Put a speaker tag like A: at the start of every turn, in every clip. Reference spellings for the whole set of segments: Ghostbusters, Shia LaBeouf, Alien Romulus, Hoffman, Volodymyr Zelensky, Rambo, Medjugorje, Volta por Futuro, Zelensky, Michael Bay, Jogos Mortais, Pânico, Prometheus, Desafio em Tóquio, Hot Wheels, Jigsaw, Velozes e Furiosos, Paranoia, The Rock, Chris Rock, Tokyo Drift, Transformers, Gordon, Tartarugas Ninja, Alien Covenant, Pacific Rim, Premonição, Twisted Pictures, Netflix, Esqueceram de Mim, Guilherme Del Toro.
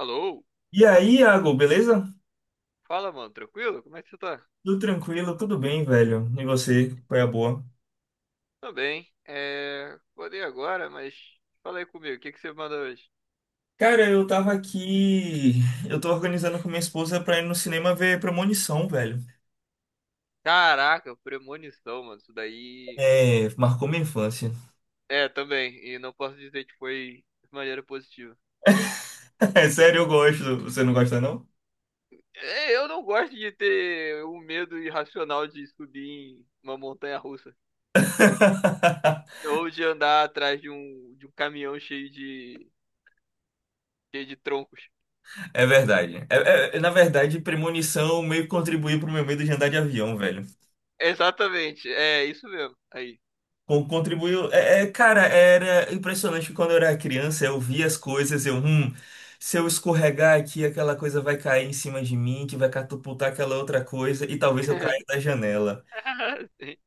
A: Alô?
B: E aí, Iago, beleza?
A: Fala, mano, tranquilo? Como é que você tá?
B: Tudo tranquilo, tudo bem, velho. E você? Foi a boa?
A: Tô bem. É. Acordei agora, mas fala aí comigo, o que que você manda hoje?
B: Cara, eu tava aqui. Eu tô organizando com minha esposa pra ir no cinema ver Premonição, velho.
A: Caraca, premonição, mano, isso daí.
B: É, marcou minha infância.
A: É, também, e não posso dizer que foi de maneira positiva.
B: É sério, eu gosto. Você não gosta, não?
A: É, eu não gosto de ter um medo irracional de subir em uma montanha russa, ou de andar atrás de um caminhão cheio de troncos.
B: É verdade. Na verdade, Premonição meio que contribuiu pro meu medo de andar de avião, velho.
A: Exatamente, é isso mesmo. Aí.
B: Contribuiu. É, cara, era impressionante que quando eu era criança, eu via as coisas, se eu escorregar aqui, aquela coisa vai cair em cima de mim, que vai catapultar aquela outra coisa, e talvez eu caia da janela.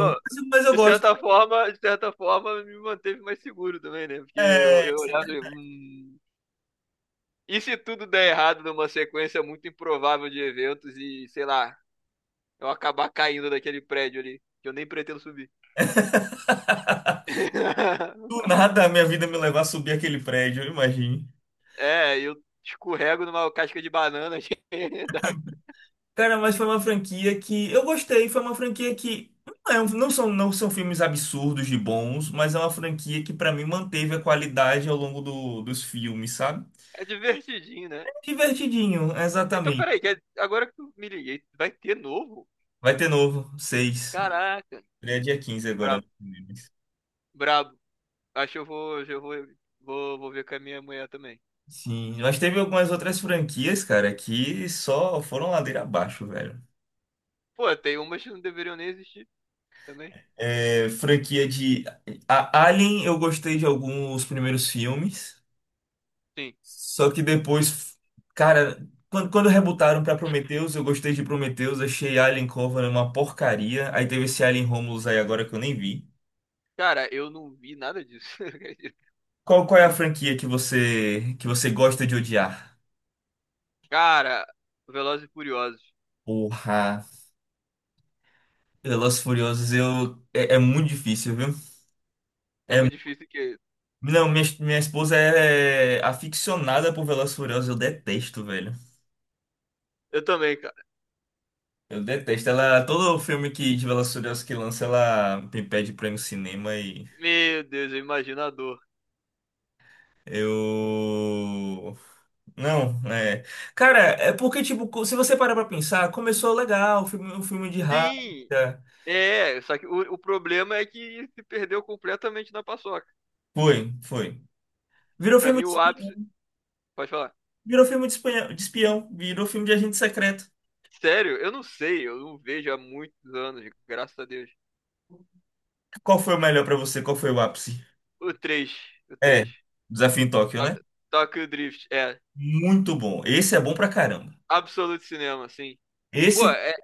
A: Sim.
B: mas eu
A: De
B: gosto.
A: certa forma, de certa forma, me manteve mais seguro também, né? Porque eu,
B: É,
A: eu
B: isso é
A: olhava
B: verdade.
A: e e se tudo der errado numa sequência muito improvável de eventos e, sei lá, eu acabar caindo daquele prédio ali, que eu nem pretendo subir.
B: Do nada a minha vida me levar a subir aquele prédio, eu imagine.
A: É, eu escorrego numa casca de banana. que dá.
B: Cara, mas foi uma franquia que eu gostei, foi uma franquia que não, não são filmes absurdos de bons, mas é uma franquia que pra mim manteve a qualidade ao longo dos filmes, sabe?
A: É divertidinho, né?
B: Divertidinho,
A: Então,
B: exatamente.
A: peraí, que é, agora que eu me liguei, vai ter novo?
B: Vai ter novo, seis.
A: Caraca,
B: Ele é dia 15 agora.
A: brabo,
B: Nos cinemas.
A: brabo. Acho que eu vou ver com a minha mulher também.
B: Sim, mas teve algumas outras franquias, cara, que só foram ladeira abaixo, velho.
A: Pô, tem umas que não deveriam nem existir também.
B: É, franquia de a Alien, eu gostei de alguns primeiros filmes,
A: Sim.
B: só que depois, cara, quando rebutaram pra Prometheus, eu gostei de Prometheus, achei Alien Covenant uma porcaria. Aí teve esse Alien Romulus aí agora que eu nem vi.
A: Cara, eu não vi nada disso. acredito.
B: Qual é a franquia que você gosta de odiar?
A: Cara, Velozes e Furiosos.
B: Porra. Velozes e Furiosos, eu... É, é muito difícil, viu?
A: É muito difícil que.
B: Não, minha esposa é aficionada por Velozes e Furiosos, eu detesto, velho.
A: Eu também, cara.
B: Eu detesto. Ela, todo filme que, de Velozes e Furiosos que lança, ela me pede pra ir no cinema e...
A: Meu Deus, eu imagino a dor.
B: Eu... Não, é... Cara, é porque, tipo, se você parar pra pensar, começou legal, o filme de raça.
A: Sim! É, só que o problema é que se perdeu completamente na paçoca.
B: Foi, foi. Virou
A: Pra
B: filme
A: mim,
B: de
A: o ápice.
B: espião,
A: Pode falar.
B: virou filme de de espião, virou filme de agente secreto.
A: Sério, eu não sei, eu não vejo há muitos anos, graças a Deus.
B: Qual foi o melhor pra você? Qual foi o ápice?
A: O 3, o
B: É,
A: 3.
B: Desafio em Tóquio, né?
A: Tok- Tokyo Drift, é.
B: Muito bom. Esse é bom pra caramba.
A: Absolute Cinema, sim. Pô,
B: Esse que
A: é,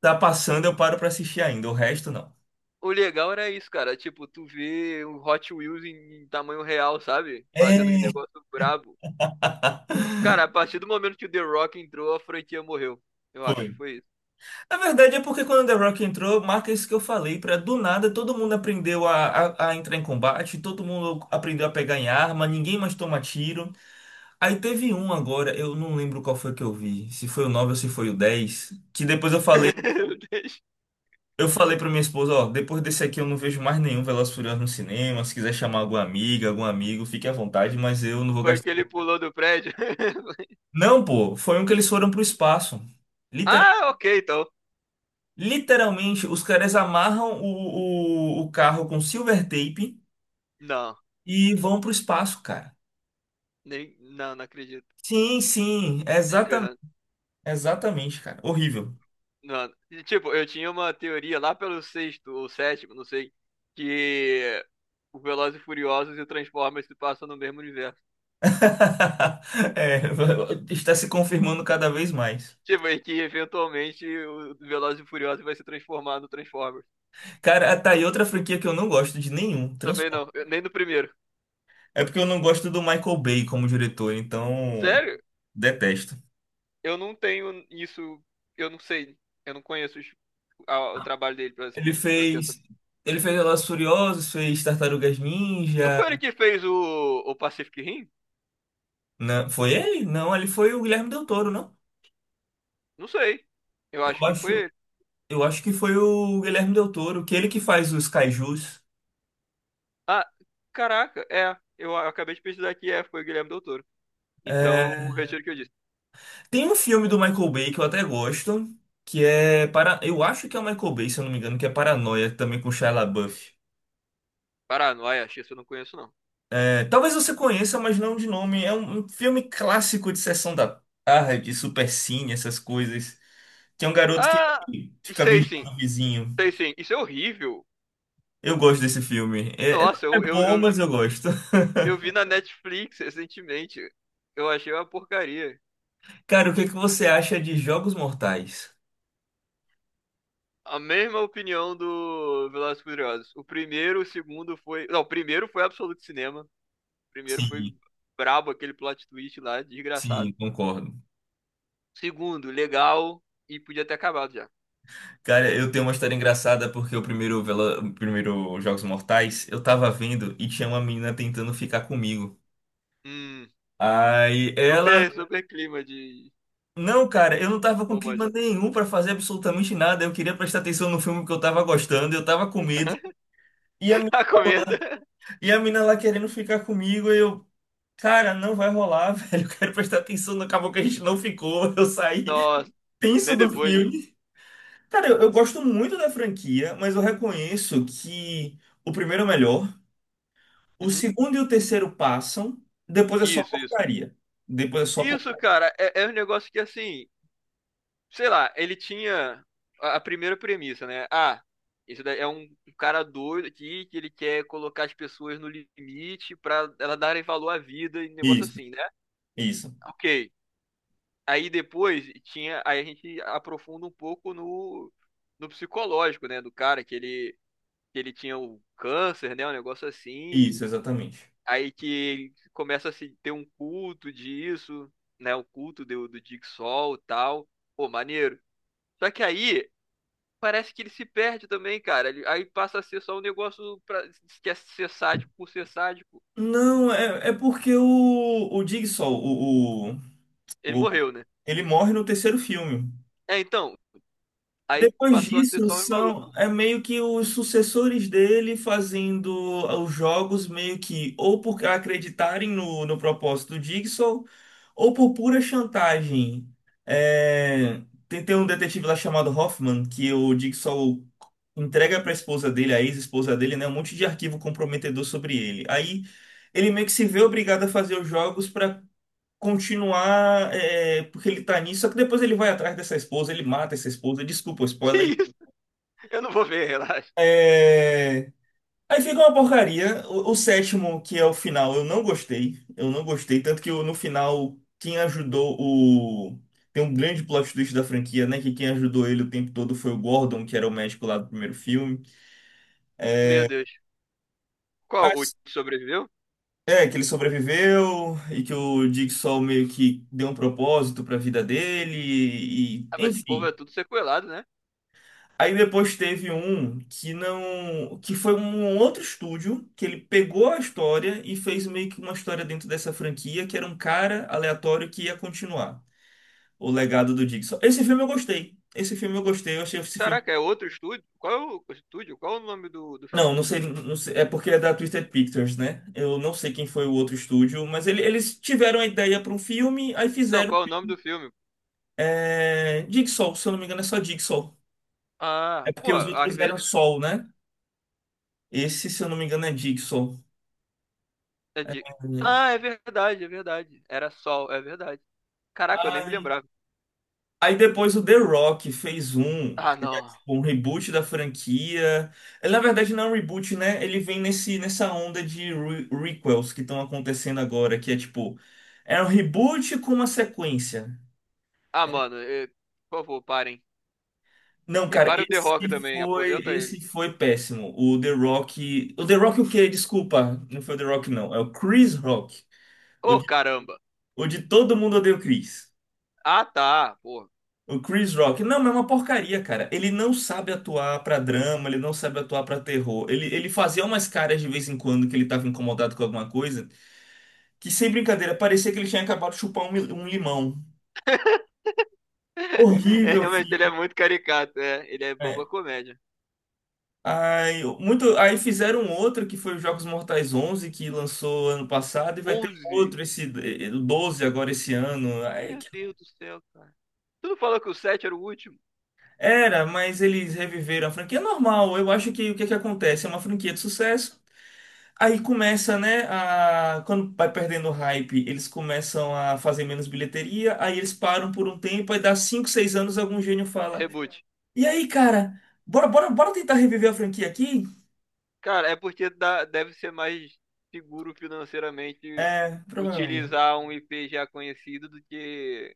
B: tá passando, eu paro pra assistir ainda. O resto, não.
A: o legal era isso, cara. Tipo, tu vê o Hot Wheels em tamanho real, sabe? Fazendo os
B: É,
A: negócios brabo. Cara, a partir do momento que o The Rock entrou, a franquia morreu. Eu acho,
B: foi.
A: foi isso.
B: Na verdade, é porque quando The Rock entrou, marca isso que eu falei, pra do nada todo mundo aprendeu a entrar em combate, todo mundo aprendeu a pegar em arma, ninguém mais toma tiro. Aí teve um agora, eu não lembro qual foi que eu vi, se foi o 9 ou se foi o 10, que depois eu falei. Eu falei pra minha esposa, ó, depois desse aqui eu não vejo mais nenhum Velozes e Furiosos no cinema. Se quiser chamar alguma amiga, algum amigo, fique à vontade, mas eu não vou
A: Foi
B: gastar.
A: que ele pulou do prédio.
B: Não, pô, foi um que eles foram pro espaço. Liter-
A: Ah, ok, então.
B: Literalmente, os caras amarram o carro com silver tape
A: Não,
B: e vão pro espaço, cara.
A: não, não acredito.
B: Sim, sim,
A: Nem
B: exatamente,
A: ferrando.
B: exatamente, cara. Horrível.
A: Não. E, tipo, eu tinha uma teoria lá pelo sexto ou sétimo, não sei, que o Velozes e Furiosos e o Transformers se passam no mesmo universo.
B: É, está se confirmando cada vez mais.
A: Tipo, e que eventualmente o Velozes e Furiosos vai se transformar no Transformers.
B: Cara, tá aí outra franquia que eu não gosto de nenhum,
A: Também
B: Transformers.
A: não, nem no primeiro.
B: É porque eu não gosto do Michael Bay como diretor, então
A: Sério?
B: detesto.
A: Eu não tenho isso, eu não sei, eu não conheço o trabalho dele pra,
B: Ele
A: pra ter essa.
B: fez, ele fez Velozes e Furiosos, fez Tartarugas
A: Não foi ele
B: Ninja.
A: que fez o Pacific Rim?
B: Não, foi ele? Não, ele foi o Guilherme Del Toro, não?
A: Não sei. Eu acho
B: Eu
A: que foi
B: acho,
A: ele.
B: eu acho que foi o Guilherme Del Toro, que é ele que faz os kaijus.
A: Ah, caraca, é. Acabei de pesquisar que é, foi o Guilherme Del Toro. Então,
B: É,
A: retiro o que eu disse.
B: tem um filme do Michael Bay que eu até gosto, que é para, eu acho que é o Michael Bay, se eu não me engano, que é Paranoia, também com Shia LaBeouf.
A: Pará, não, Ayashi, isso eu não conheço não.
B: É, talvez você conheça, mas não de nome. É um filme clássico de sessão da tarde, supercine, essas coisas. Tem um garoto que
A: Ah,
B: fica
A: sei sim,
B: vigiando o vizinho.
A: sei sim. Isso é horrível.
B: Eu gosto desse filme. É, é- não
A: Nossa,
B: é
A: eu, eu,
B: bom,
A: eu
B: mas eu gosto.
A: eu vi na Netflix recentemente. Eu achei uma porcaria.
B: Cara, o que é que você acha de Jogos Mortais?
A: A mesma opinião do Velozes e Furiosos. O primeiro, o segundo foi. Não, o primeiro foi absoluto cinema. O primeiro foi
B: Sim,
A: brabo, aquele plot twist lá, desgraçado.
B: sim, concordo.
A: Segundo, legal e podia ter acabado já.
B: Cara, eu tenho uma história engraçada porque o primeiro, o primeiro Jogos Mortais eu tava vendo e tinha uma menina tentando ficar comigo.
A: Hum,
B: Aí ela.
A: super, super clima de
B: Não, cara, eu não tava com clima
A: romântico.
B: nenhum pra fazer absolutamente nada. Eu queria prestar atenção no filme que eu tava gostando, eu tava com medo. E a, mi-
A: A comenda.
B: e a mina lá querendo ficar comigo, e eu, cara, não vai rolar, velho. Eu quero prestar atenção no acabou que a gente não ficou. Eu saí
A: Nossa,
B: tenso
A: nem
B: do
A: depois.
B: filme. Cara, eu gosto muito da franquia, mas eu reconheço que o primeiro é o melhor, o
A: Uhum.
B: segundo e o terceiro passam, depois é só
A: Isso, isso.
B: porcaria. Depois é só
A: Isso,
B: porcaria.
A: cara, é, é um negócio que assim. Sei lá, ele tinha a primeira premissa, né? Ah, esse daí é um cara doido aqui que ele quer colocar as pessoas no limite pra elas darem valor à vida e negócio
B: Isso,
A: assim, né?
B: isso,
A: Ok. Aí depois tinha, aí a gente aprofunda um pouco no, no psicológico, né, do cara que ele tinha o câncer, né, um negócio assim.
B: isso, exatamente.
A: Aí que ele começa a se ter um culto disso, né, o culto do, do Jigsaw e tal. Pô, maneiro. Só que aí parece que ele se perde também, cara. Aí passa a ser só um negócio pra, que é ser sádico por ser sádico.
B: Não, é porque o Jigsaw,
A: Ele
B: o-
A: morreu, né?
B: ele morre no terceiro filme.
A: É, então, aí
B: Depois
A: passou a ser
B: disso,
A: só um
B: são
A: maluco.
B: é meio que os sucessores dele fazendo ah, os jogos meio que ou por acreditarem no, no propósito do Jigsaw ou por pura chantagem. É, tem um detetive lá chamado Hoffman que o Jigsaw entrega para a esposa dele, a ex-esposa dele, né, um monte de arquivo comprometedor sobre ele. Aí ele meio que se vê obrigado a fazer os jogos para continuar é, porque ele tá nisso, só que depois ele vai atrás dessa esposa, ele mata essa esposa, desculpa o
A: Que
B: spoiler.
A: isso? Eu não vou ver, relaxa.
B: É... Aí fica uma porcaria. O sétimo, que é o final, eu não gostei. Eu não gostei, tanto que eu- no final, quem ajudou o. Tem um grande plot twist da franquia, né? Que quem ajudou ele o tempo todo foi o Gordon, que era o médico lá do primeiro filme.
A: Meu Deus. Qual? O que
B: Mas,
A: sobreviveu?
B: é, que ele sobreviveu e que o Jigsaw meio que deu um propósito pra vida dele, e,
A: Ah, mas esse povo
B: enfim.
A: é tudo sequelado, né?
B: Aí depois teve um que não, que foi um outro estúdio que ele pegou a história e fez meio que uma história dentro dessa franquia, que era um cara aleatório que ia continuar o legado do Jigsaw. Esse filme eu gostei. Esse filme eu gostei, eu achei esse filme.
A: Caraca, é outro estúdio? Qual é o estúdio? Qual é o nome do
B: Não,
A: filme,
B: não sei,
A: então?
B: não sei, é porque é da Twisted Pictures, né? Eu não sei quem foi o outro estúdio, mas ele- eles tiveram a ideia para um filme, aí
A: Não,
B: fizeram
A: qual é o nome do filme?
B: é, Jigsaw, se eu não me engano é só Jigsaw. É
A: Ah,
B: porque
A: pô,
B: os
A: às
B: outros eram
A: vezes.
B: Sol, né? Esse, se eu não me engano, é Jigsaw.
A: é de-
B: É.
A: Ah, é verdade, é verdade. Era Sol, é verdade. Caraca, eu nem
B: Ah,
A: me lembrava.
B: aí depois o The Rock fez um,
A: Ah,
B: que é
A: não.
B: tipo um reboot da franquia. Ele, na verdade, não é um reboot, né? Ele vem nesse, nessa onda de re requels que estão acontecendo agora, que é tipo, é um reboot com uma sequência.
A: Ah,
B: É,
A: mano, por favor, parem.
B: não,
A: E
B: cara,
A: para o The
B: esse
A: Rock também,
B: foi,
A: aposenta ele.
B: esse foi péssimo. O The Rock. O The Rock o quê? Desculpa, não foi o The Rock, não. É o Chris Rock. O
A: Ô,
B: de,
A: caramba.
B: o de todo mundo odeia o Chris.
A: Ah, tá, porra.
B: O Chris Rock, não, mas é uma porcaria, cara. Ele não sabe atuar pra drama, ele não sabe atuar pra terror. Ele fazia umas caras de vez em quando que ele tava incomodado com alguma coisa, que sem brincadeira, parecia que ele tinha acabado de chupar um limão.
A: É,
B: Horrível,
A: realmente, ele é
B: filho.
A: muito caricato, é. Ele é
B: É.
A: boba comédia.
B: Aí, muito, aí fizeram outro que foi os Jogos Mortais 11, que lançou ano passado, e vai ter
A: 11.
B: outro, esse 12 agora esse ano. Aí
A: Meu Deus do céu, cara. Tu não falou que o 7 era o último?
B: era, mas eles reviveram a franquia. É normal, eu acho que o que que acontece? É uma franquia de sucesso. Aí começa, né, a... quando vai perdendo o hype, eles começam a fazer menos bilheteria, aí eles param por um tempo, aí dá 5, 6 anos, algum gênio fala,
A: Reboot.
B: e aí, cara, bora, bora, bora tentar reviver a franquia aqui?
A: Cara, é porque dá- deve ser mais seguro financeiramente
B: É, provavelmente.
A: utilizar um IP já conhecido do que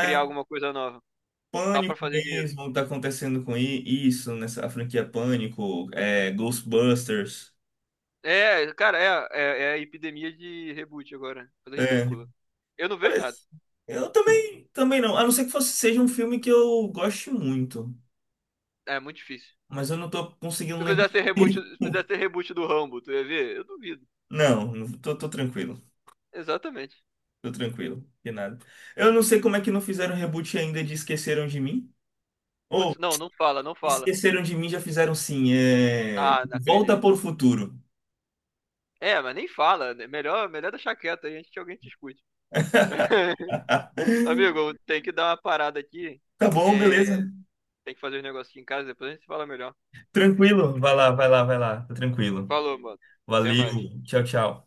A: criar alguma coisa nova. Só
B: Pânico
A: pra fazer dinheiro.
B: mesmo, tá acontecendo com isso, nessa a franquia Pânico, é, Ghostbusters.
A: É, cara, é, é, é a epidemia de reboot agora. Coisa
B: É,
A: ridícula. Eu não vejo nada.
B: parece- eu também, também não, a não ser que fosse, seja um filme que eu goste muito,
A: É muito difícil.
B: mas eu não tô conseguindo
A: Se
B: lembrar.
A: fizesse reboot, se fizesse reboot do Rambo, tu ia ver? Eu duvido.
B: Não, tô, tranquilo.
A: Exatamente.
B: Tô tranquilo, de nada. Eu não sei como é que não fizeram reboot ainda de Esqueceram de Mim. Ou
A: Putz, não, não fala, não fala.
B: Esqueceram de Mim já fizeram sim. É...
A: Ah, não acredito.
B: Volta por Futuro.
A: É, mas nem fala. Né? Melhor, melhor deixar quieto aí antes que alguém te escute. Amigo, tem que dar uma parada aqui.
B: Tá bom,
A: É,
B: beleza.
A: tem que fazer um negócio aqui em casa, depois a gente fala melhor.
B: Tranquilo. Vai lá, vai lá, vai lá. Tá tranquilo.
A: Falou, mano. Até
B: Valeu.
A: mais.
B: Tchau, tchau.